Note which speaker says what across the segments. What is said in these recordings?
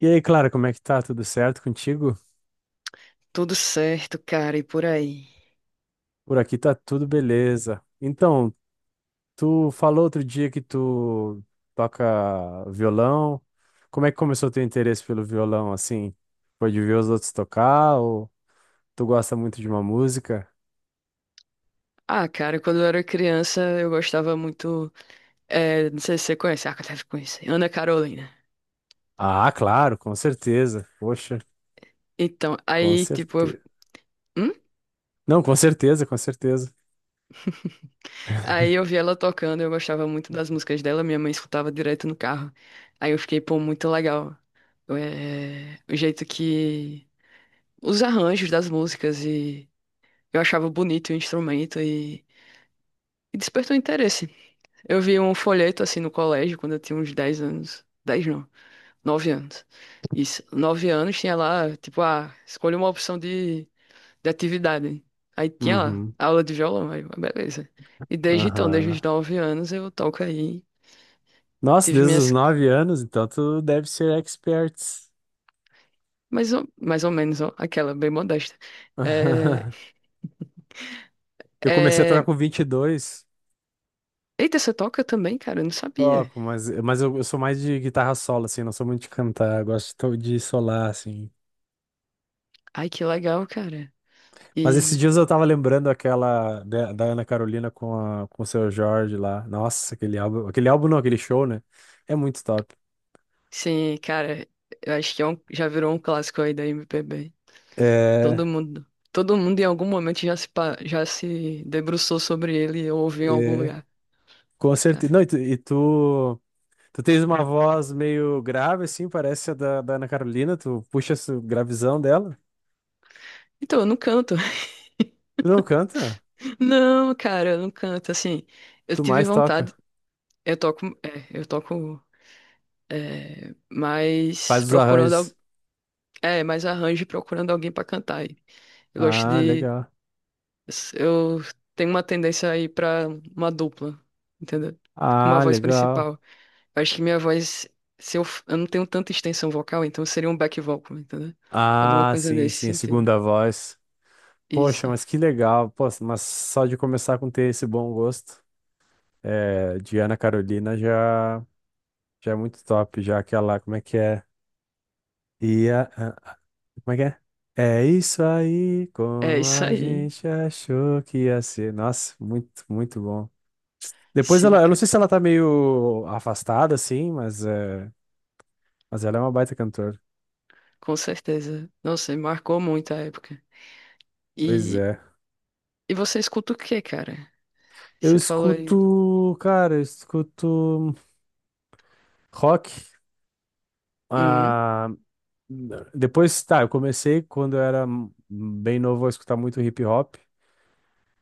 Speaker 1: E aí, Clara, como é que tá? Tudo certo contigo?
Speaker 2: Tudo certo, cara, e por aí?
Speaker 1: Por aqui tá tudo beleza. Então, tu falou outro dia que tu toca violão. Como é que começou o teu interesse pelo violão, assim? Foi de ver os outros tocar ou tu gosta muito de uma música?
Speaker 2: Ah, cara, quando eu era criança, eu gostava muito. É, não sei se você conhece, ah, deve conhecer. Ana Carolina.
Speaker 1: Ah, claro, com certeza. Poxa,
Speaker 2: Então,
Speaker 1: com
Speaker 2: aí, tipo.
Speaker 1: certeza.
Speaker 2: Hum?
Speaker 1: Não, com certeza, com certeza.
Speaker 2: Aí eu vi ela tocando, eu gostava muito das músicas dela, minha mãe escutava direto no carro. Aí eu fiquei, pô, muito legal. É, o jeito que. Os arranjos das músicas e. Eu achava bonito o instrumento e despertou interesse. Eu vi um folheto assim no colégio quando eu tinha uns 10 anos. Dez não. 9 anos. Isso. Nove anos tinha lá, tipo, ah, escolha uma opção de atividade. Aí tinha lá,
Speaker 1: Uhum.
Speaker 2: aula de violão, aí, eu, ah, beleza. E desde então, desde
Speaker 1: Aham.
Speaker 2: os 9 anos, eu toco aí.
Speaker 1: Nossa,
Speaker 2: Tive
Speaker 1: desde os
Speaker 2: minhas,
Speaker 1: 9 anos, então tu deve ser expert.
Speaker 2: mais ou menos, ó, aquela, bem modesta. É,
Speaker 1: Eu comecei a tocar
Speaker 2: é.
Speaker 1: com 22.
Speaker 2: Eita, você toca também, cara? Eu não sabia.
Speaker 1: Toco, mas eu sou mais de guitarra solo, assim, não sou muito de cantar. Eu gosto de de solar, assim.
Speaker 2: Ai, que legal, cara.
Speaker 1: Mas esses
Speaker 2: E,
Speaker 1: dias eu tava lembrando aquela da Ana Carolina com o Seu Jorge lá. Nossa, aquele álbum. Aquele álbum não, aquele show, né? É muito top.
Speaker 2: sim, cara, eu acho que é um, já virou um clássico aí da MPB. Todo
Speaker 1: É,
Speaker 2: mundo, todo mundo em algum momento já se debruçou sobre ele ou ouviu em algum
Speaker 1: é,
Speaker 2: lugar,
Speaker 1: com certeza.
Speaker 2: cara.
Speaker 1: Não, tu tens uma voz meio grave, assim, parece a da Ana Carolina. Tu puxa essa gravizão dela.
Speaker 2: Então, eu não canto.
Speaker 1: Tu não canta?
Speaker 2: Não, cara, eu não canto. Assim, eu
Speaker 1: Tu mais
Speaker 2: tive
Speaker 1: toca.
Speaker 2: vontade, eu toco, é,
Speaker 1: Faz
Speaker 2: mas
Speaker 1: os
Speaker 2: procurando,
Speaker 1: arranjos.
Speaker 2: é, mais arranjo e procurando alguém pra cantar. Aí. Eu gosto
Speaker 1: Ah,
Speaker 2: de,
Speaker 1: legal.
Speaker 2: eu tenho uma tendência aí pra uma dupla, entendeu? Com uma
Speaker 1: Ah,
Speaker 2: voz
Speaker 1: legal.
Speaker 2: principal. Acho que minha voz, se eu, f- eu não tenho tanta extensão vocal, então seria um back vocal, entendeu? Alguma
Speaker 1: Ah,
Speaker 2: coisa
Speaker 1: sim,
Speaker 2: nesse
Speaker 1: sim, a
Speaker 2: sentido.
Speaker 1: segunda voz. Poxa,
Speaker 2: Isso.
Speaker 1: mas que legal. Poxa, mas só de começar com ter esse bom gosto é, de Ana Carolina já é muito top. Já aquela, como é que é? E como é que é? É isso aí,
Speaker 2: É
Speaker 1: como
Speaker 2: isso
Speaker 1: a
Speaker 2: aí.
Speaker 1: gente achou que ia ser. Nossa, muito, muito bom. Depois
Speaker 2: Sim,
Speaker 1: ela, eu não
Speaker 2: cara.
Speaker 1: sei se ela tá meio afastada, assim, mas ela é uma baita cantora.
Speaker 2: Com certeza. Nossa, marcou muito a época.
Speaker 1: Pois
Speaker 2: E,
Speaker 1: é.
Speaker 2: e você escuta o quê, cara?
Speaker 1: Eu
Speaker 2: Você falou aí.
Speaker 1: escuto, cara, eu escuto rock.
Speaker 2: Hum,
Speaker 1: Ah, não. Depois, tá, eu comecei quando eu era bem novo a escutar muito hip hop,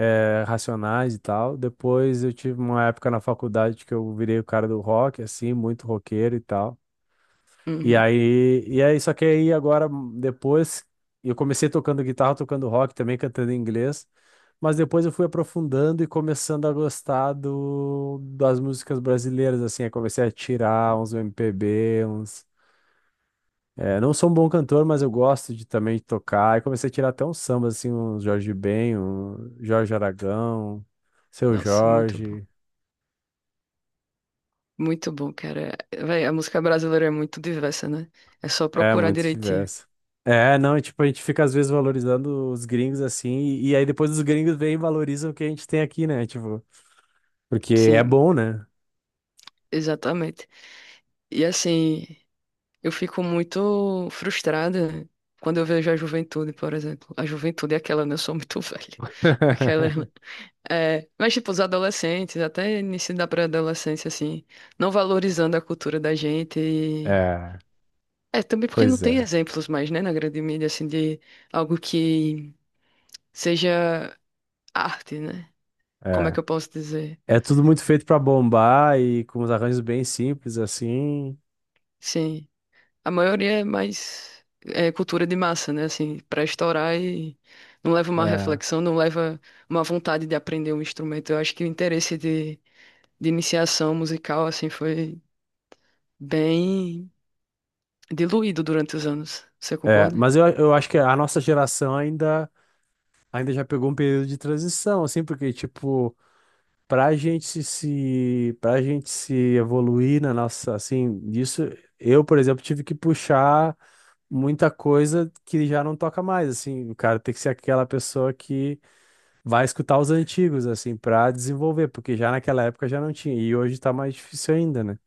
Speaker 1: Racionais e tal. Depois eu tive uma época na faculdade que eu virei o cara do rock, assim, muito roqueiro e tal. E
Speaker 2: uhum.
Speaker 1: aí, e aí, só que aí agora, depois, eu comecei tocando guitarra, tocando rock também, cantando em inglês. Mas depois eu fui aprofundando e começando a gostar das músicas brasileiras, assim. Aí comecei a tirar uns MPB, uns. É, não sou um bom cantor, mas eu gosto de também tocar. E comecei a tirar até uns sambas, assim, uns Jorge Ben, um Jorge Aragão, Seu
Speaker 2: Nossa, muito bom.
Speaker 1: Jorge.
Speaker 2: Muito bom, cara. Véi, a música brasileira é muito diversa, né? É só
Speaker 1: É,
Speaker 2: procurar
Speaker 1: muito
Speaker 2: direitinho.
Speaker 1: diverso. É, não, e tipo, a gente fica às vezes valorizando os gringos assim, e aí depois os gringos vêm e valorizam o que a gente tem aqui, né? Tipo, porque é
Speaker 2: Sim,
Speaker 1: bom, né?
Speaker 2: exatamente. E assim. Eu fico muito frustrada quando eu vejo a juventude, por exemplo. A juventude é aquela, né? Eu sou muito velha. Aquela. É, mas, tipo, os adolescentes, até início da pré-adolescência, assim, não valorizando a cultura da gente.
Speaker 1: É,
Speaker 2: É, também porque não
Speaker 1: pois
Speaker 2: tem
Speaker 1: é,
Speaker 2: exemplos mais, né, na grande mídia, assim, de algo que seja arte, né? Como é
Speaker 1: é.
Speaker 2: que eu posso dizer?
Speaker 1: É tudo muito feito pra bombar e com os arranjos bem simples, assim.
Speaker 2: Sim. A maioria é mais é, cultura de massa, né? Assim, para estourar e não leva uma
Speaker 1: É,
Speaker 2: reflexão, não leva uma vontade de aprender um instrumento. Eu acho que o interesse de iniciação musical, assim, foi bem diluído durante os anos. Você
Speaker 1: é.
Speaker 2: concorda?
Speaker 1: Mas eu acho que a nossa geração ainda. Ainda já pegou um período de transição, assim, porque, tipo, pra gente se evoluir na nossa, assim, disso, eu, por exemplo, tive que puxar muita coisa que já não toca mais, assim, o cara tem que ser aquela pessoa que vai escutar os antigos, assim, pra desenvolver, porque já naquela época já não tinha, e hoje tá mais difícil ainda, né?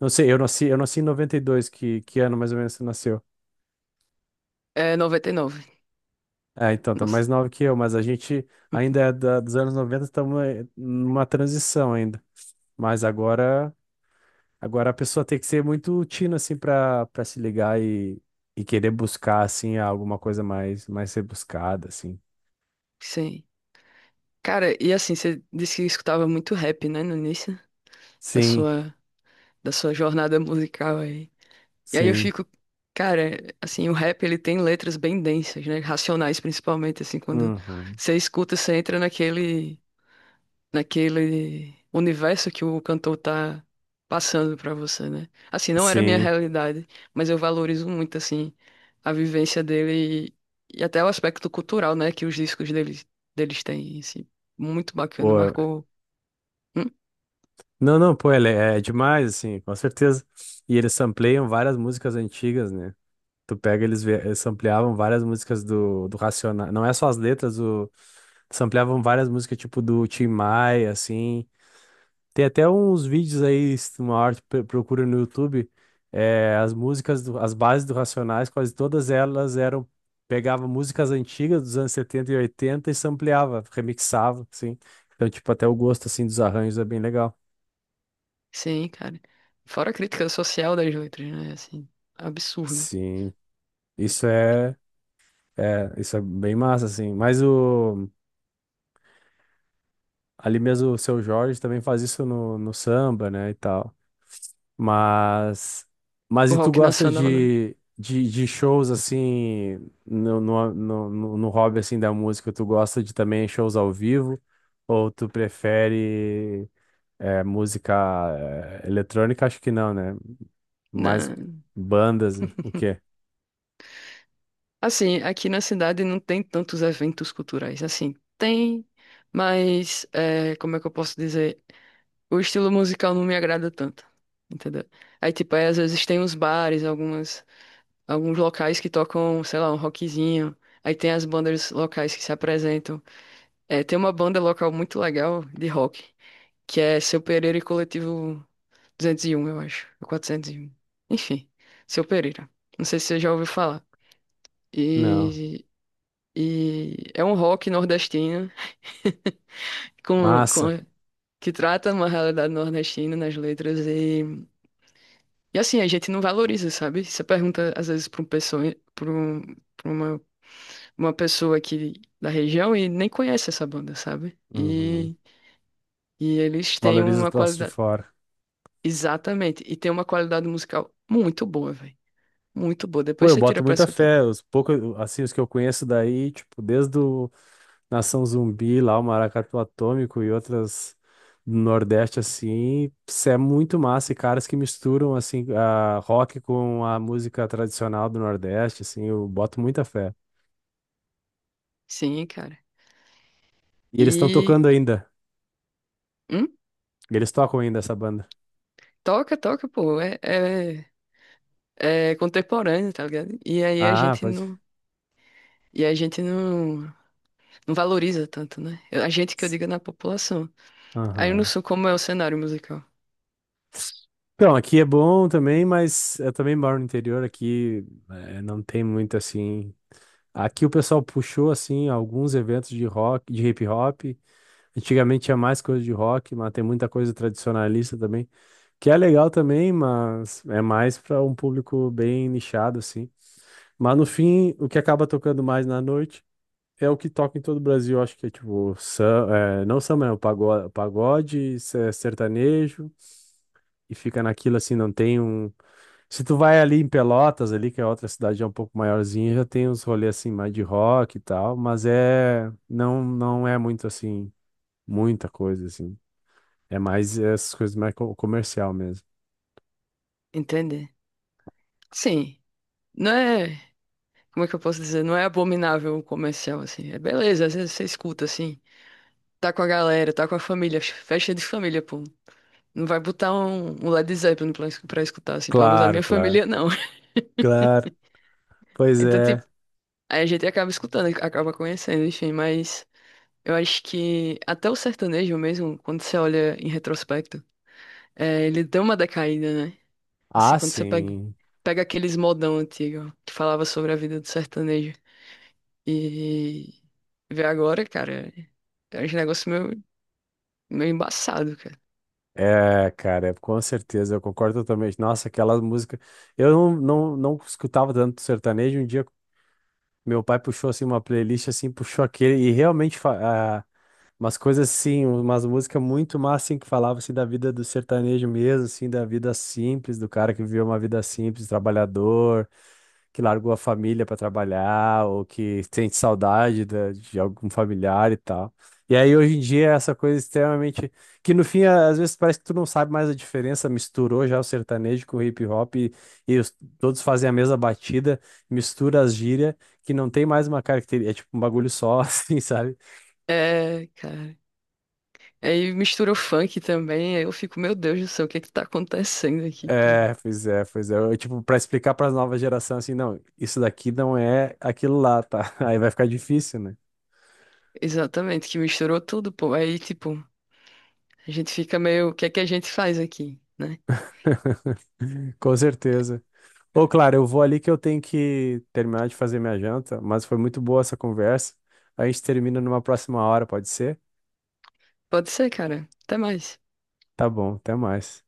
Speaker 1: Não sei, eu nasci em 92, que ano mais ou menos você nasceu?
Speaker 2: É 99.
Speaker 1: É, então, tá
Speaker 2: Nossa.
Speaker 1: mais nova que eu, mas a gente ainda é dos anos 90 estamos numa transição ainda. Mas agora, agora a pessoa tem que ser muito tina, assim, para se ligar e querer buscar, assim, alguma coisa mais, mais rebuscada, assim.
Speaker 2: Sim. Cara, e assim, você disse que escutava muito rap, né, no início da
Speaker 1: Sim,
Speaker 2: sua, da sua jornada musical aí. E aí eu
Speaker 1: sim.
Speaker 2: fico, cara, assim, o rap ele tem letras bem densas, né? Racionais principalmente, assim, quando
Speaker 1: Uhum.
Speaker 2: você escuta, você entra naquele universo que o cantor tá passando pra você, né? Assim, não era a minha
Speaker 1: Sim.
Speaker 2: realidade, mas eu valorizo muito assim a vivência dele e até o aspecto cultural, né, que os discos deles têm, assim, muito bacana,
Speaker 1: Pô,
Speaker 2: marcou. Hum?
Speaker 1: não, não, pô, ele é demais, assim, com certeza. E eles sampleiam várias músicas antigas, né? Tu pega, eles ampliavam várias músicas do Racionais. Não é só as letras, ampliavam várias músicas, tipo, do Tim Maia, assim. Tem até uns vídeos aí, se uma hora tu procura no YouTube, as músicas, as bases do Racionais, quase todas elas eram. Pegava músicas antigas dos anos 70 e 80 e sampleava, remixava, assim. Então, tipo, até o gosto, assim, dos arranjos é bem legal.
Speaker 2: Sim, cara. Fora a crítica social das letras, né? Assim, absurdo.
Speaker 1: Sim, isso é. É, isso é bem massa, assim. Ali mesmo o Seu Jorge também faz isso no, no samba, né, e tal. Mas, mas
Speaker 2: O
Speaker 1: e tu
Speaker 2: rock
Speaker 1: gosta
Speaker 2: nacional, né?
Speaker 1: de shows assim, no hobby assim da música, tu gosta de também shows ao vivo? Ou tu prefere música eletrônica? Acho que não, né? Mais
Speaker 2: Na.
Speaker 1: bandas, o quê?
Speaker 2: Assim, aqui na cidade não tem tantos eventos culturais. Assim, tem, mas é, como é que eu posso dizer? O estilo musical não me agrada tanto, entendeu? Aí, tipo, aí, às vezes tem uns bares, algumas, alguns locais que tocam, sei lá, um rockzinho. Aí tem as bandas locais que se apresentam. É, tem uma banda local muito legal de rock, que é Seu Pereira e Coletivo 201, eu acho, ou 401. Enfim, Seu Pereira. Não sei se você já ouviu falar.
Speaker 1: Não.
Speaker 2: E E é um rock nordestino com,
Speaker 1: Massa.
Speaker 2: com- que trata uma realidade nordestina nas letras e assim, a gente não valoriza, sabe? Você pergunta às vezes para um pessoa, para um, pra uma pessoa aqui da região e nem conhece essa banda, sabe?
Speaker 1: Uhum.
Speaker 2: E eles têm
Speaker 1: Valoriza o
Speaker 2: uma
Speaker 1: troço de
Speaker 2: qualidade,
Speaker 1: fora.
Speaker 2: exatamente, e tem uma qualidade musical muito boa, velho. Muito boa.
Speaker 1: Pô,
Speaker 2: Depois
Speaker 1: eu
Speaker 2: você tira
Speaker 1: boto
Speaker 2: pra
Speaker 1: muita
Speaker 2: escutar.
Speaker 1: fé. Os poucos, assim, os que eu conheço daí, tipo, desde o Nação Zumbi, lá o Maracatu Atômico e outras do Nordeste, assim, isso é muito massa. E caras que misturam, assim, a rock com a música tradicional do Nordeste, assim, eu boto muita fé.
Speaker 2: Sim, cara.
Speaker 1: E eles estão
Speaker 2: E
Speaker 1: tocando ainda.
Speaker 2: hum,
Speaker 1: Eles tocam ainda essa banda.
Speaker 2: toca, toca, pô. É, contemporâneo, tá ligado? E aí a
Speaker 1: Ah,
Speaker 2: gente
Speaker 1: pode.
Speaker 2: não. E a gente não, não valoriza tanto, né? A gente que eu digo é na população. Aí eu não
Speaker 1: Aham.
Speaker 2: sei como é o cenário musical,
Speaker 1: Então, aqui é bom também, mas eu também moro no interior, aqui não tem muito assim. Aqui o pessoal puxou assim alguns eventos de rock, de hip hop. Antigamente tinha mais coisa de rock, mas tem muita coisa tradicionalista também, que é legal também, mas é mais para um público bem nichado assim. Mas no fim, o que acaba tocando mais na noite é o que toca em todo o Brasil, acho que é tipo, é, não samba, né? O pagode, pagode, é sertanejo e fica naquilo assim, não tem um. Se tu vai ali em Pelotas, ali, que é outra cidade é um pouco maiorzinha, já tem uns rolês assim mais de rock e tal, mas é não não é muito assim, muita coisa assim. É mais essas coisas mais comercial mesmo.
Speaker 2: entende? Sim, não é. Como é que eu posso dizer? Não é abominável o comercial, assim. É beleza, às vezes você escuta, assim. Tá com a galera, tá com a família, festa de família, pô. Não vai botar um Led Zeppelin pra escutar, assim. Pelo menos a minha
Speaker 1: Claro, claro.
Speaker 2: família não.
Speaker 1: Claro. Pois
Speaker 2: Então,
Speaker 1: é.
Speaker 2: tipo, aí a gente acaba escutando, acaba conhecendo, enfim, mas. Eu acho que até o sertanejo mesmo, quando você olha em retrospecto, é, ele deu uma decaída, né? Assim,
Speaker 1: Ah,
Speaker 2: quando você pega,
Speaker 1: sim.
Speaker 2: pega aqueles modão antigo que falava sobre a vida do sertanejo e vê agora, cara, é um negócio meio, meio embaçado, cara.
Speaker 1: É, cara, com certeza, eu concordo totalmente. Nossa, aquelas músicas. Eu não, não, não escutava tanto sertanejo. Um dia, meu pai puxou assim uma playlist assim, puxou aquele e realmente umas coisas assim, umas músicas muito massa assim que falava assim da vida do sertanejo mesmo, assim, da vida simples, do cara que viveu uma vida simples, trabalhador que largou a família para trabalhar ou que sente saudade de algum familiar e tal. E aí hoje em dia é essa coisa extremamente que no fim às vezes parece que tu não sabe mais a diferença, misturou já o sertanejo com o hip hop e todos fazem a mesma batida, mistura as gírias que não tem mais uma característica, é tipo um bagulho só assim, sabe?
Speaker 2: É, cara. Aí mistura o funk também, aí eu fico, meu Deus do céu, o que é que tá acontecendo aqui? Tá?
Speaker 1: É, pois é, pois é. Eu, tipo, para explicar para as novas gerações assim, não, isso daqui não é aquilo lá, tá? Aí vai ficar difícil, né?
Speaker 2: Exatamente, que misturou tudo, pô. Aí, tipo, a gente fica meio, o que é que a gente faz aqui, né?
Speaker 1: Com certeza. Ô, claro, eu vou ali que eu tenho que terminar de fazer minha janta, mas foi muito boa essa conversa. A gente termina numa próxima hora, pode ser?
Speaker 2: Pode ser, cara. Até mais.
Speaker 1: Tá bom, até mais.